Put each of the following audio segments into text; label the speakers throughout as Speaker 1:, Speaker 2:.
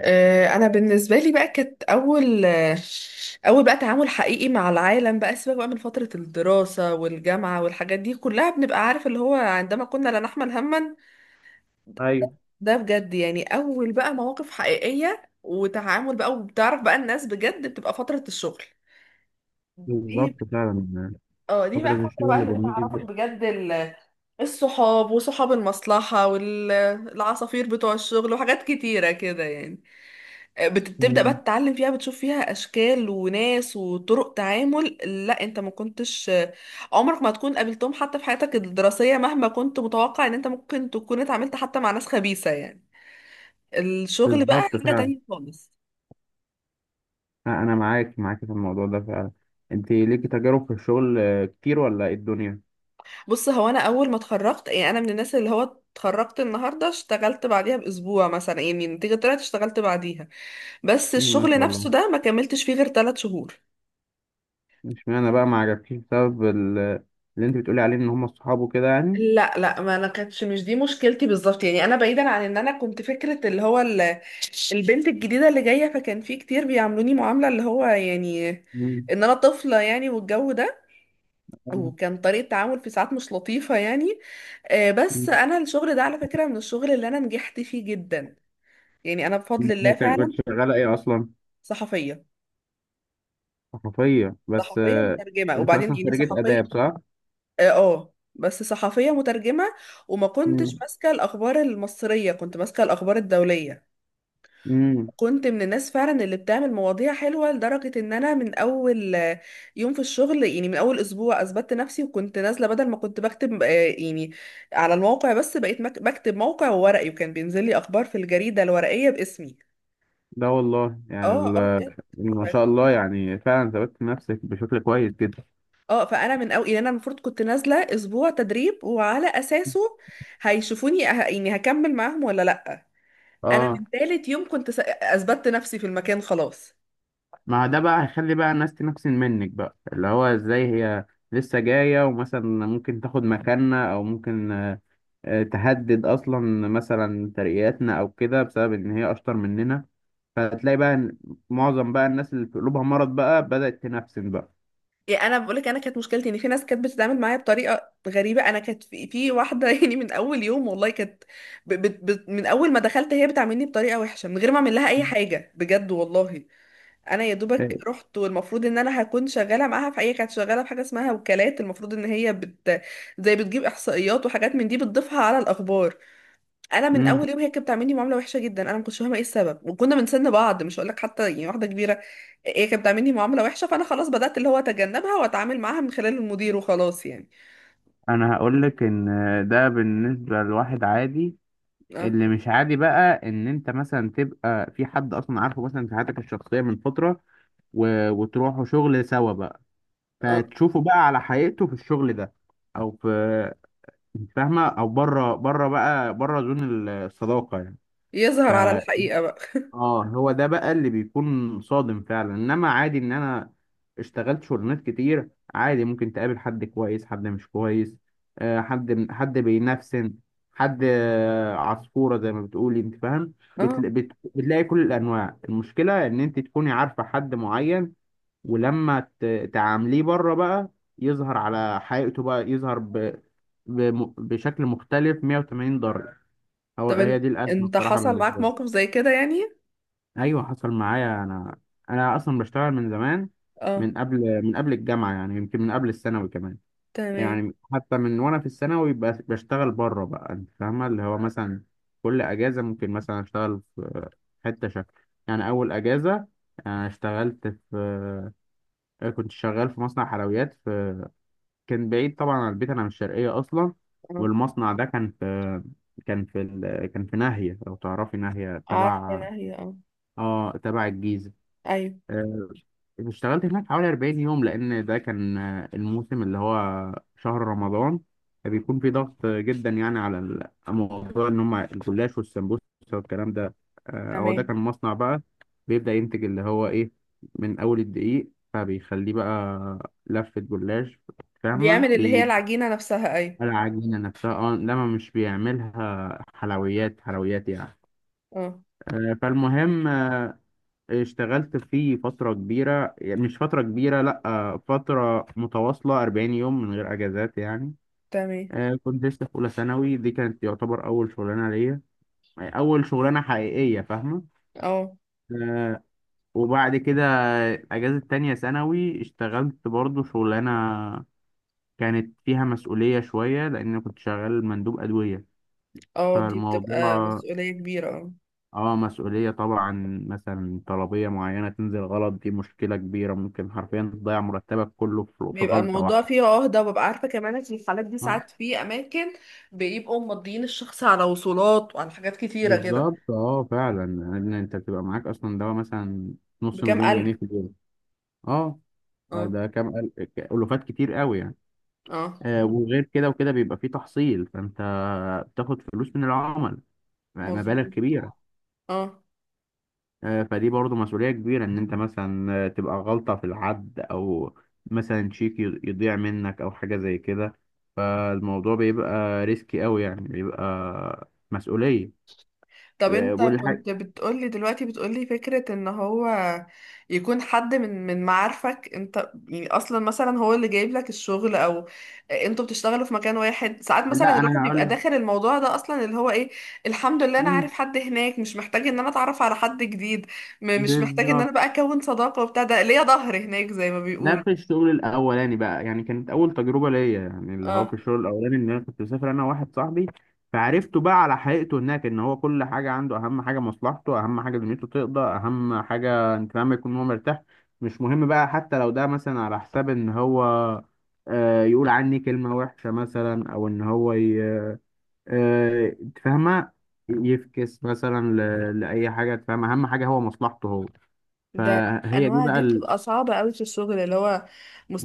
Speaker 1: انا بالنسبه لي بقى كانت اول اول بقى تعامل حقيقي مع العالم بقى، سيبك بقى من فتره الدراسه والجامعه والحاجات دي كلها، بنبقى عارف اللي هو عندما كنا لا نحمل هما.
Speaker 2: ايوه،
Speaker 1: ده بجد يعني اول بقى مواقف حقيقيه وتعامل بقى وبتعرف بقى الناس بجد، بتبقى فتره الشغل دي.
Speaker 2: بالظبط فعلا
Speaker 1: اه دي
Speaker 2: فترة
Speaker 1: بقى فتره
Speaker 2: الشغل
Speaker 1: بقى
Speaker 2: اللي
Speaker 1: اللي
Speaker 2: بميل
Speaker 1: بتعرفك
Speaker 2: بيها.
Speaker 1: بجد. الصحاب وصحاب المصلحه والعصافير بتوع الشغل وحاجات كتيره كده يعني. بتبدأ بقى
Speaker 2: مم.
Speaker 1: تتعلم فيها، بتشوف فيها أشكال وناس وطرق تعامل. لا أنت ما كنتش عمرك ما تكون قابلتهم حتى في حياتك الدراسية، مهما كنت متوقع إن أنت ممكن تكون اتعاملت حتى مع ناس خبيثة يعني. الشغل بقى
Speaker 2: بالظبط
Speaker 1: حاجة
Speaker 2: فعلا،
Speaker 1: تانية خالص.
Speaker 2: انا معاك في الموضوع ده فعلا. انت ليكي تجارب في الشغل كتير ولا ايه الدنيا؟
Speaker 1: بص، هو أنا أول ما اتخرجت يعني أنا من الناس اللي هو اتخرجت النهاردة اشتغلت بعديها بأسبوع مثلا. يعني النتيجة طلعت اشتغلت بعديها، بس
Speaker 2: ما
Speaker 1: الشغل
Speaker 2: شاء
Speaker 1: نفسه
Speaker 2: الله.
Speaker 1: ده ما كملتش فيه غير 3 شهور.
Speaker 2: اشمعنى بقى ما عجبكيش بسبب اللي انت بتقولي عليه ان هم الصحاب وكده يعني.
Speaker 1: لا لا، ما انا كانتش، مش دي مشكلتي بالظبط يعني. انا بعيدا عن ان انا كنت فكره اللي هو البنت الجديده اللي جايه، فكان في كتير بيعاملوني معامله اللي هو يعني
Speaker 2: مم.
Speaker 1: ان انا طفله يعني والجو ده،
Speaker 2: آه،
Speaker 1: وكان طريقه تعامل في ساعات مش لطيفه يعني. بس
Speaker 2: مم.
Speaker 1: انا الشغل ده على فكره من الشغل اللي انا نجحت فيه جدا يعني. انا بفضل الله
Speaker 2: كنت
Speaker 1: فعلا.
Speaker 2: شغالة ايه اصلا؟
Speaker 1: صحفيه.
Speaker 2: صحفية بس،
Speaker 1: صحفيه مترجمه،
Speaker 2: انت
Speaker 1: وبعدين
Speaker 2: اصلا
Speaker 1: يعني
Speaker 2: خريجة
Speaker 1: صحفيه.
Speaker 2: اداب صح؟
Speaker 1: اه، بس صحفيه مترجمه، وما كنتش
Speaker 2: مم.
Speaker 1: ماسكه الاخبار المصريه، كنت ماسكه الاخبار الدوليه.
Speaker 2: مم.
Speaker 1: كنت من الناس فعلا اللي بتعمل مواضيع حلوة، لدرجة ان انا من اول يوم في الشغل، يعني من اول اسبوع اثبتت نفسي، وكنت نازلة بدل ما كنت بكتب يعني على الموقع بس، بقيت بكتب موقع وورقي، وكان بينزل لي اخبار في الجريدة الورقية باسمي.
Speaker 2: ده والله يعني
Speaker 1: اه اه، بجد. ف-
Speaker 2: ما شاء الله يعني فعلا ثبتت نفسك بشكل كويس جدا.
Speaker 1: اه فانا من اول، يعني انا المفروض كنت نازلة اسبوع تدريب وعلى اساسه هيشوفوني، يعني هكمل معاهم ولا لا. انا
Speaker 2: اه.
Speaker 1: من تالت يوم كنت، اثبتت نفسي في المكان خلاص.
Speaker 2: ما ده بقى هيخلي بقى الناس تنفسن منك، بقى اللي هو ازاي هي لسه جاية ومثلا ممكن تاخد مكاننا او ممكن تهدد اصلا مثلا ترقياتنا او كده بسبب ان هي اشطر مننا. فتلاقي بقى إن معظم بقى الناس اللي في قلوبها مرض بقى بدأت تنفسن بقى.
Speaker 1: يعني انا بقول لك انا كانت مشكلتي ان في ناس كانت بتتعامل معايا بطريقه غريبه. انا كانت في واحده يعني من اول يوم والله، كانت من اول ما دخلت هي بتعاملني بطريقه وحشه من غير ما اعمل لها اي حاجه بجد والله. انا يا دوبك
Speaker 2: إيه.
Speaker 1: رحت، والمفروض ان انا هكون شغاله معاها في، هي كانت شغاله في حاجه اسمها وكالات، المفروض ان هي زي بتجيب احصائيات وحاجات من دي بتضيفها على الاخبار. انا من
Speaker 2: مم.
Speaker 1: اول يوم هي كانت بتعاملني معامله وحشه جدا. انا ما كنتش فاهمه ايه السبب، وكنا من سن بعض، مش هقول لك حتى يعني واحده كبيره. هي كانت بتعاملني معامله وحشه، فانا خلاص بدات اللي هو اتجنبها واتعامل معاها من خلال المدير وخلاص يعني.
Speaker 2: انا هقول لك ان ده بالنسبه لواحد عادي،
Speaker 1: اه
Speaker 2: اللي مش عادي بقى ان انت مثلا تبقى في حد اصلا عارفه مثلا في حياتك الشخصيه من فتره وتروحوا شغل سوا بقى،
Speaker 1: اه،
Speaker 2: فتشوفه بقى على حقيقته في الشغل ده، او في، انت فاهمه، او بره بره بقى بره زون الصداقه يعني. ف
Speaker 1: يظهر على الحقيقه بقى.
Speaker 2: اه هو ده بقى اللي بيكون صادم فعلا، انما عادي ان انا اشتغلت شغلانات كتير، عادي ممكن تقابل حد كويس، حد مش كويس، حد بينفسن، حد عصفوره زي ما بتقولي، انت فاهم؟
Speaker 1: اه،
Speaker 2: بتلاقي كل الانواع. المشكله ان انت تكوني عارفه حد معين ولما تعامليه بره بقى، يظهر على حقيقته بقى، يظهر بشكل مختلف 180 درجة.
Speaker 1: طب
Speaker 2: هي
Speaker 1: انت
Speaker 2: دي الأزمة
Speaker 1: انت
Speaker 2: بصراحة
Speaker 1: حصل معاك
Speaker 2: بالنسبة لي.
Speaker 1: موقف زي كده يعني.
Speaker 2: أيوة، حصل معايا أنا أصلا بشتغل من زمان،
Speaker 1: اه.
Speaker 2: من قبل الجامعة يعني، يمكن من قبل الثانوي كمان.
Speaker 1: تمام.
Speaker 2: يعني حتى من وأنا في الثانوي بشتغل بره بقى، أنت فاهمة اللي هو مثلا كل أجازة ممكن مثلا أشتغل في حتة شكل. يعني أول أجازة أنا اشتغلت في كنت شغال في مصنع حلويات. كان بعيد طبعا عن البيت، انا من الشرقيه اصلا.
Speaker 1: اه،
Speaker 2: والمصنع ده كان في ناهيه، لو تعرفي ناهيه،
Speaker 1: عارفه
Speaker 2: تبع
Speaker 1: انا هي اه.
Speaker 2: اه تبع الجيزه.
Speaker 1: ايوه.
Speaker 2: آه، اشتغلت هناك حوالي 40 يوم، لان ده كان الموسم اللي هو شهر رمضان، فبيكون في ضغط جدا يعني على الموضوع، ان هم الجلاش والسمبوسه والكلام ده. هو ده
Speaker 1: تمام.
Speaker 2: كان مصنع بقى، بيبدا ينتج اللي هو ايه، من اول الدقيق فبيخليه بقى لفه جلاش، فاهمه؟
Speaker 1: بيعمل اللي هي العجينه نفسها، ايوه.
Speaker 2: العجينة نفسها اه، انما مش بيعملها حلويات حلويات يعني.
Speaker 1: اه.
Speaker 2: فالمهم، اشتغلت فيه فترة كبيرة يعني، مش فترة كبيرة لأ، فترة متواصلة 40 يوم من غير أجازات يعني.
Speaker 1: تمام.
Speaker 2: كنت لسه في أولى ثانوي، دي كانت يعتبر أول شغلانة ليا، أول شغلانة حقيقية، فاهمة؟
Speaker 1: اه
Speaker 2: آه، وبعد كده أجازة تانية ثانوي اشتغلت برضو شغلانة، كانت فيها مسؤولية شوية لأن كنت شغال مندوب أدوية.
Speaker 1: اه، دي بتبقى
Speaker 2: فالموضوع
Speaker 1: مسؤوليه كبيره اه.
Speaker 2: اه مسؤولية طبعا، مثلا طلبية معينة تنزل غلط، دي مشكلة كبيرة، ممكن حرفيا تضيع مرتبك كله في
Speaker 1: بيبقى
Speaker 2: غلطة
Speaker 1: الموضوع
Speaker 2: واحدة.
Speaker 1: فيه عهدة، وببقى عارفة كمان ان في الحالات دي
Speaker 2: آه،
Speaker 1: ساعات في أماكن بيبقوا مضيين الشخص على وصولات وعلى حاجات كتيرة كده.
Speaker 2: بالظبط فعلا، لان انت بتبقى معاك اصلا دواء مثلا نص
Speaker 1: بكام
Speaker 2: مليون
Speaker 1: ألف.
Speaker 2: جنيه في اليوم. اه.
Speaker 1: اه.
Speaker 2: ده كام ألوفات كتير قوي يعني.
Speaker 1: اه،
Speaker 2: وغير كده وكده بيبقى فيه تحصيل، فانت بتاخد فلوس من العمل، مبالغ
Speaker 1: مظبوط.
Speaker 2: كبيرة.
Speaker 1: اه،
Speaker 2: فدي برضو مسؤولية كبيرة، إن أنت مثلا تبقى غلطة في العد، أو مثلا شيك يضيع منك أو حاجة زي كده. فالموضوع بيبقى ريسكي أوي يعني، بيبقى مسؤولية.
Speaker 1: طب انت
Speaker 2: والحاجة،
Speaker 1: كنت بتقولي دلوقتي، بتقولي فكرة ان هو يكون حد من معارفك انت، يعني اصلا مثلا هو اللي جايب لك الشغل، او انتوا بتشتغلوا في مكان واحد، ساعات مثلا
Speaker 2: لا أنا
Speaker 1: الواحد بيبقى
Speaker 2: هقوله.
Speaker 1: داخل الموضوع ده اصلا اللي هو ايه. الحمد لله انا
Speaker 2: مم،
Speaker 1: عارف حد هناك، مش محتاج ان انا اتعرف على حد جديد. مش محتاج ان انا
Speaker 2: بالظبط.
Speaker 1: بقى اكون صداقة وبتاع، ده ليا ظهر هناك زي ما
Speaker 2: ده
Speaker 1: بيقول.
Speaker 2: في الشغل الاولاني بقى، يعني كانت اول تجربه ليا، يعني اللي هو في
Speaker 1: اه.
Speaker 2: الشغل الاولاني ان انا كنت مسافر انا وواحد صاحبي. فعرفته بقى على حقيقته هناك، ان هو كل حاجه عنده اهم حاجه مصلحته، اهم حاجه دنيته تقضى، اهم حاجه، انت فاهم، يكون هو مرتاح. مش مهم بقى حتى لو ده مثلا على حساب ان هو يقول عني كلمه وحشه مثلا، او ان هو أنت فاهمه، يفكس مثلا لاي حاجه، أنت فاهم، اهم حاجه هو مصلحته هو.
Speaker 1: ده
Speaker 2: فهي دي
Speaker 1: الانواع
Speaker 2: بقى
Speaker 1: دي بتبقى صعبة قوي في الشغل، اللي هو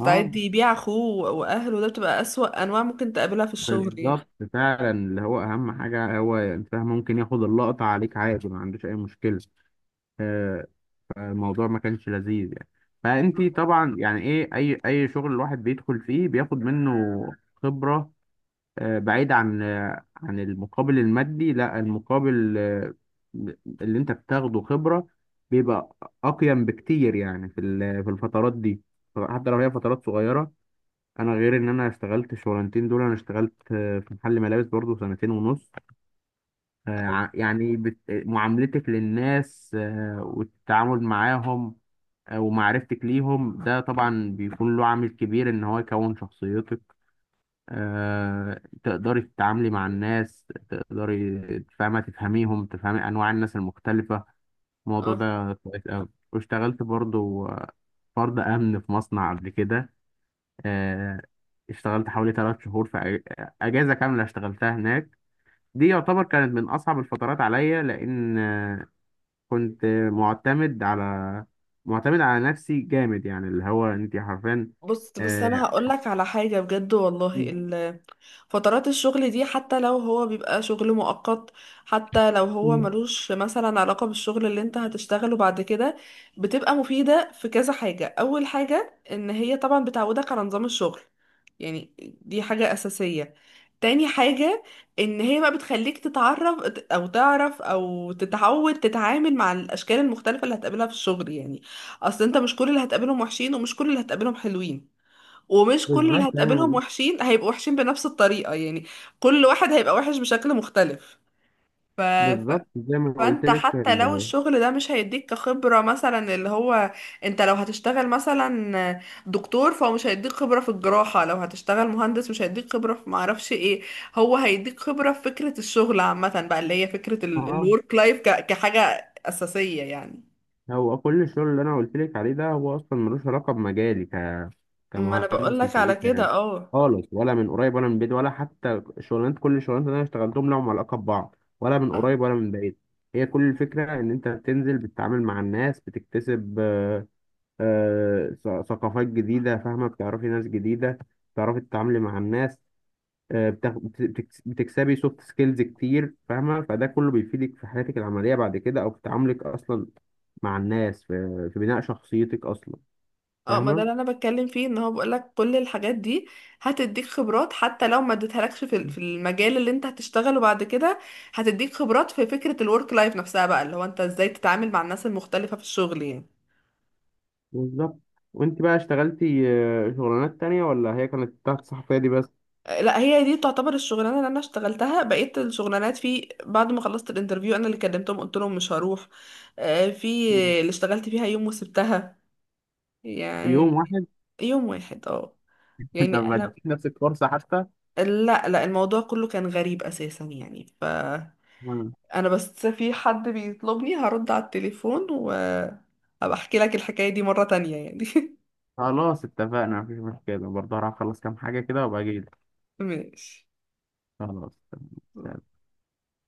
Speaker 2: اه،
Speaker 1: يبيع اخوه واهله. ده بتبقى اسوأ انواع ممكن تقابلها في الشغل يعني.
Speaker 2: بالظبط فعلا، اللي هو اهم حاجه هو انت ممكن ياخد اللقطه عليك عادي، ما عندوش اي مشكله. آه، فالموضوع ما كانش لذيذ يعني. فانت طبعا يعني ايه، اي شغل الواحد بيدخل فيه بياخد منه خبره. بعيد عن، عن المقابل المادي، لا المقابل، اللي انت بتاخده خبره، بيبقى اقيم بكتير يعني في الفترات دي، حتى لو هي فترات صغيره. انا غير ان انا اشتغلت الشغلانتين دول، انا اشتغلت في محل ملابس برضو سنتين ونص. يعني معاملتك للناس والتعامل معاهم ومعرفتك ليهم، ده طبعا بيكون له عامل كبير ان هو يكون شخصيتك، تقدري تتعاملي مع الناس، تقدري، فاهمة؟ تفهميهم، تفهمي انواع الناس المختلفة. الموضوع
Speaker 1: اه،
Speaker 2: ده كويس أوي. واشتغلت برضو فرد امن في مصنع قبل كده. آه، اشتغلت حوالي 3 شهور في أجازة كاملة اشتغلتها هناك. دي يعتبر كانت من أصعب الفترات عليا، لأن كنت معتمد على معتمد على نفسي جامد يعني، اللي هو أنت حرفيا.
Speaker 1: بص، بس انا
Speaker 2: آه،
Speaker 1: هقولك على حاجة بجد والله. فترات الشغل دي حتى لو هو بيبقى شغل مؤقت، حتى لو هو ملوش مثلا علاقة بالشغل اللي انت هتشتغله بعد كده، بتبقى مفيدة في كذا حاجة. اول حاجة ان هي طبعا بتعودك على نظام الشغل يعني، دي حاجة اساسية. تاني حاجة ان هي بقى بتخليك تتعرف او تعرف او تتعود تتعامل مع الاشكال المختلفة اللي هتقابلها في الشغل يعني. اصل انت مش كل اللي هتقابلهم وحشين، ومش كل اللي هتقابلهم حلوين، ومش كل اللي
Speaker 2: بالظبط
Speaker 1: هتقابلهم
Speaker 2: أنا.
Speaker 1: وحشين هيبقوا وحشين بنفس الطريقة يعني. كل واحد هيبقى وحش بشكل مختلف. ف... ف...
Speaker 2: بالظبط زي ما قلت
Speaker 1: فانت
Speaker 2: لك
Speaker 1: حتى لو الشغل ده مش هيديك كخبرة، مثلا اللي هو انت لو هتشتغل مثلا دكتور، فهو مش هيديك خبرة في الجراحة. لو هتشتغل مهندس مش هيديك خبرة في معرفش ايه. هو هيديك خبرة في فكرة الشغل عامة بقى، اللي هي فكرة
Speaker 2: اه
Speaker 1: الورك لايف كحاجة أساسية يعني.
Speaker 2: هو كل الشغل اللي أنا قلت لك عليه ده هو أصلا ملوش علاقة بمجالي،
Speaker 1: ما انا
Speaker 2: كمهندس
Speaker 1: بقولك على
Speaker 2: ميكانيكا يعني،
Speaker 1: كده.
Speaker 2: خالص، ولا من قريب ولا من بعيد. ولا حتى كل الشغلانات اللي انا اشتغلتهم لهم علاقه ببعض، ولا من
Speaker 1: اه
Speaker 2: قريب ولا من بعيد. هي كل الفكره ان انت بتنزل بتتعامل مع الناس، بتكتسب ثقافات جديده، فاهمه؟ بتعرفي ناس جديده، بتعرفي تتعاملي مع الناس، بتكسبي سوفت سكيلز كتير، فاهمه؟ فده كله بيفيدك في حياتك العمليه بعد كده، او في تعاملك اصلا مع الناس، في بناء شخصيتك اصلا،
Speaker 1: اه، ما ده
Speaker 2: فاهمه؟
Speaker 1: اللي انا بتكلم فيه، ان هو بقولك كل الحاجات دي هتديك خبرات حتى لو ما اديتهالكش في المجال اللي انت هتشتغله بعد كده. هتديك خبرات في فكرة الورك لايف نفسها بقى، اللي هو انت ازاي تتعامل مع الناس المختلفة في الشغل يعني.
Speaker 2: بالظبط. وانت بقى اشتغلتي شغلانات تانية، ولا هي كانت تحت الصحفية دي بس؟
Speaker 1: لا، هي دي تعتبر الشغلانة اللي انا اشتغلتها. بقيت الشغلانات، في بعد ما خلصت الانترفيو انا اللي كلمتهم قلت لهم مش هروح. في
Speaker 2: مم.
Speaker 1: اللي اشتغلت فيها يوم وسبتها يعني.
Speaker 2: يوم واحد؟
Speaker 1: يوم واحد اه.
Speaker 2: طب
Speaker 1: يعني
Speaker 2: ما
Speaker 1: انا،
Speaker 2: اديتي نفسك فرصة حتى؟
Speaker 1: لا لا، الموضوع كله كان غريب اساسا يعني.
Speaker 2: مم.
Speaker 1: انا بس في حد بيطلبني، هرد على التليفون وابقى احكي لك الحكاية دي مرة تانية يعني
Speaker 2: خلاص، اتفقنا، مفيش مشكلة برضه، هروح اخلص كام حاجة كده وابقى اجيلك.
Speaker 1: ماشي.
Speaker 2: خلاص. تمام.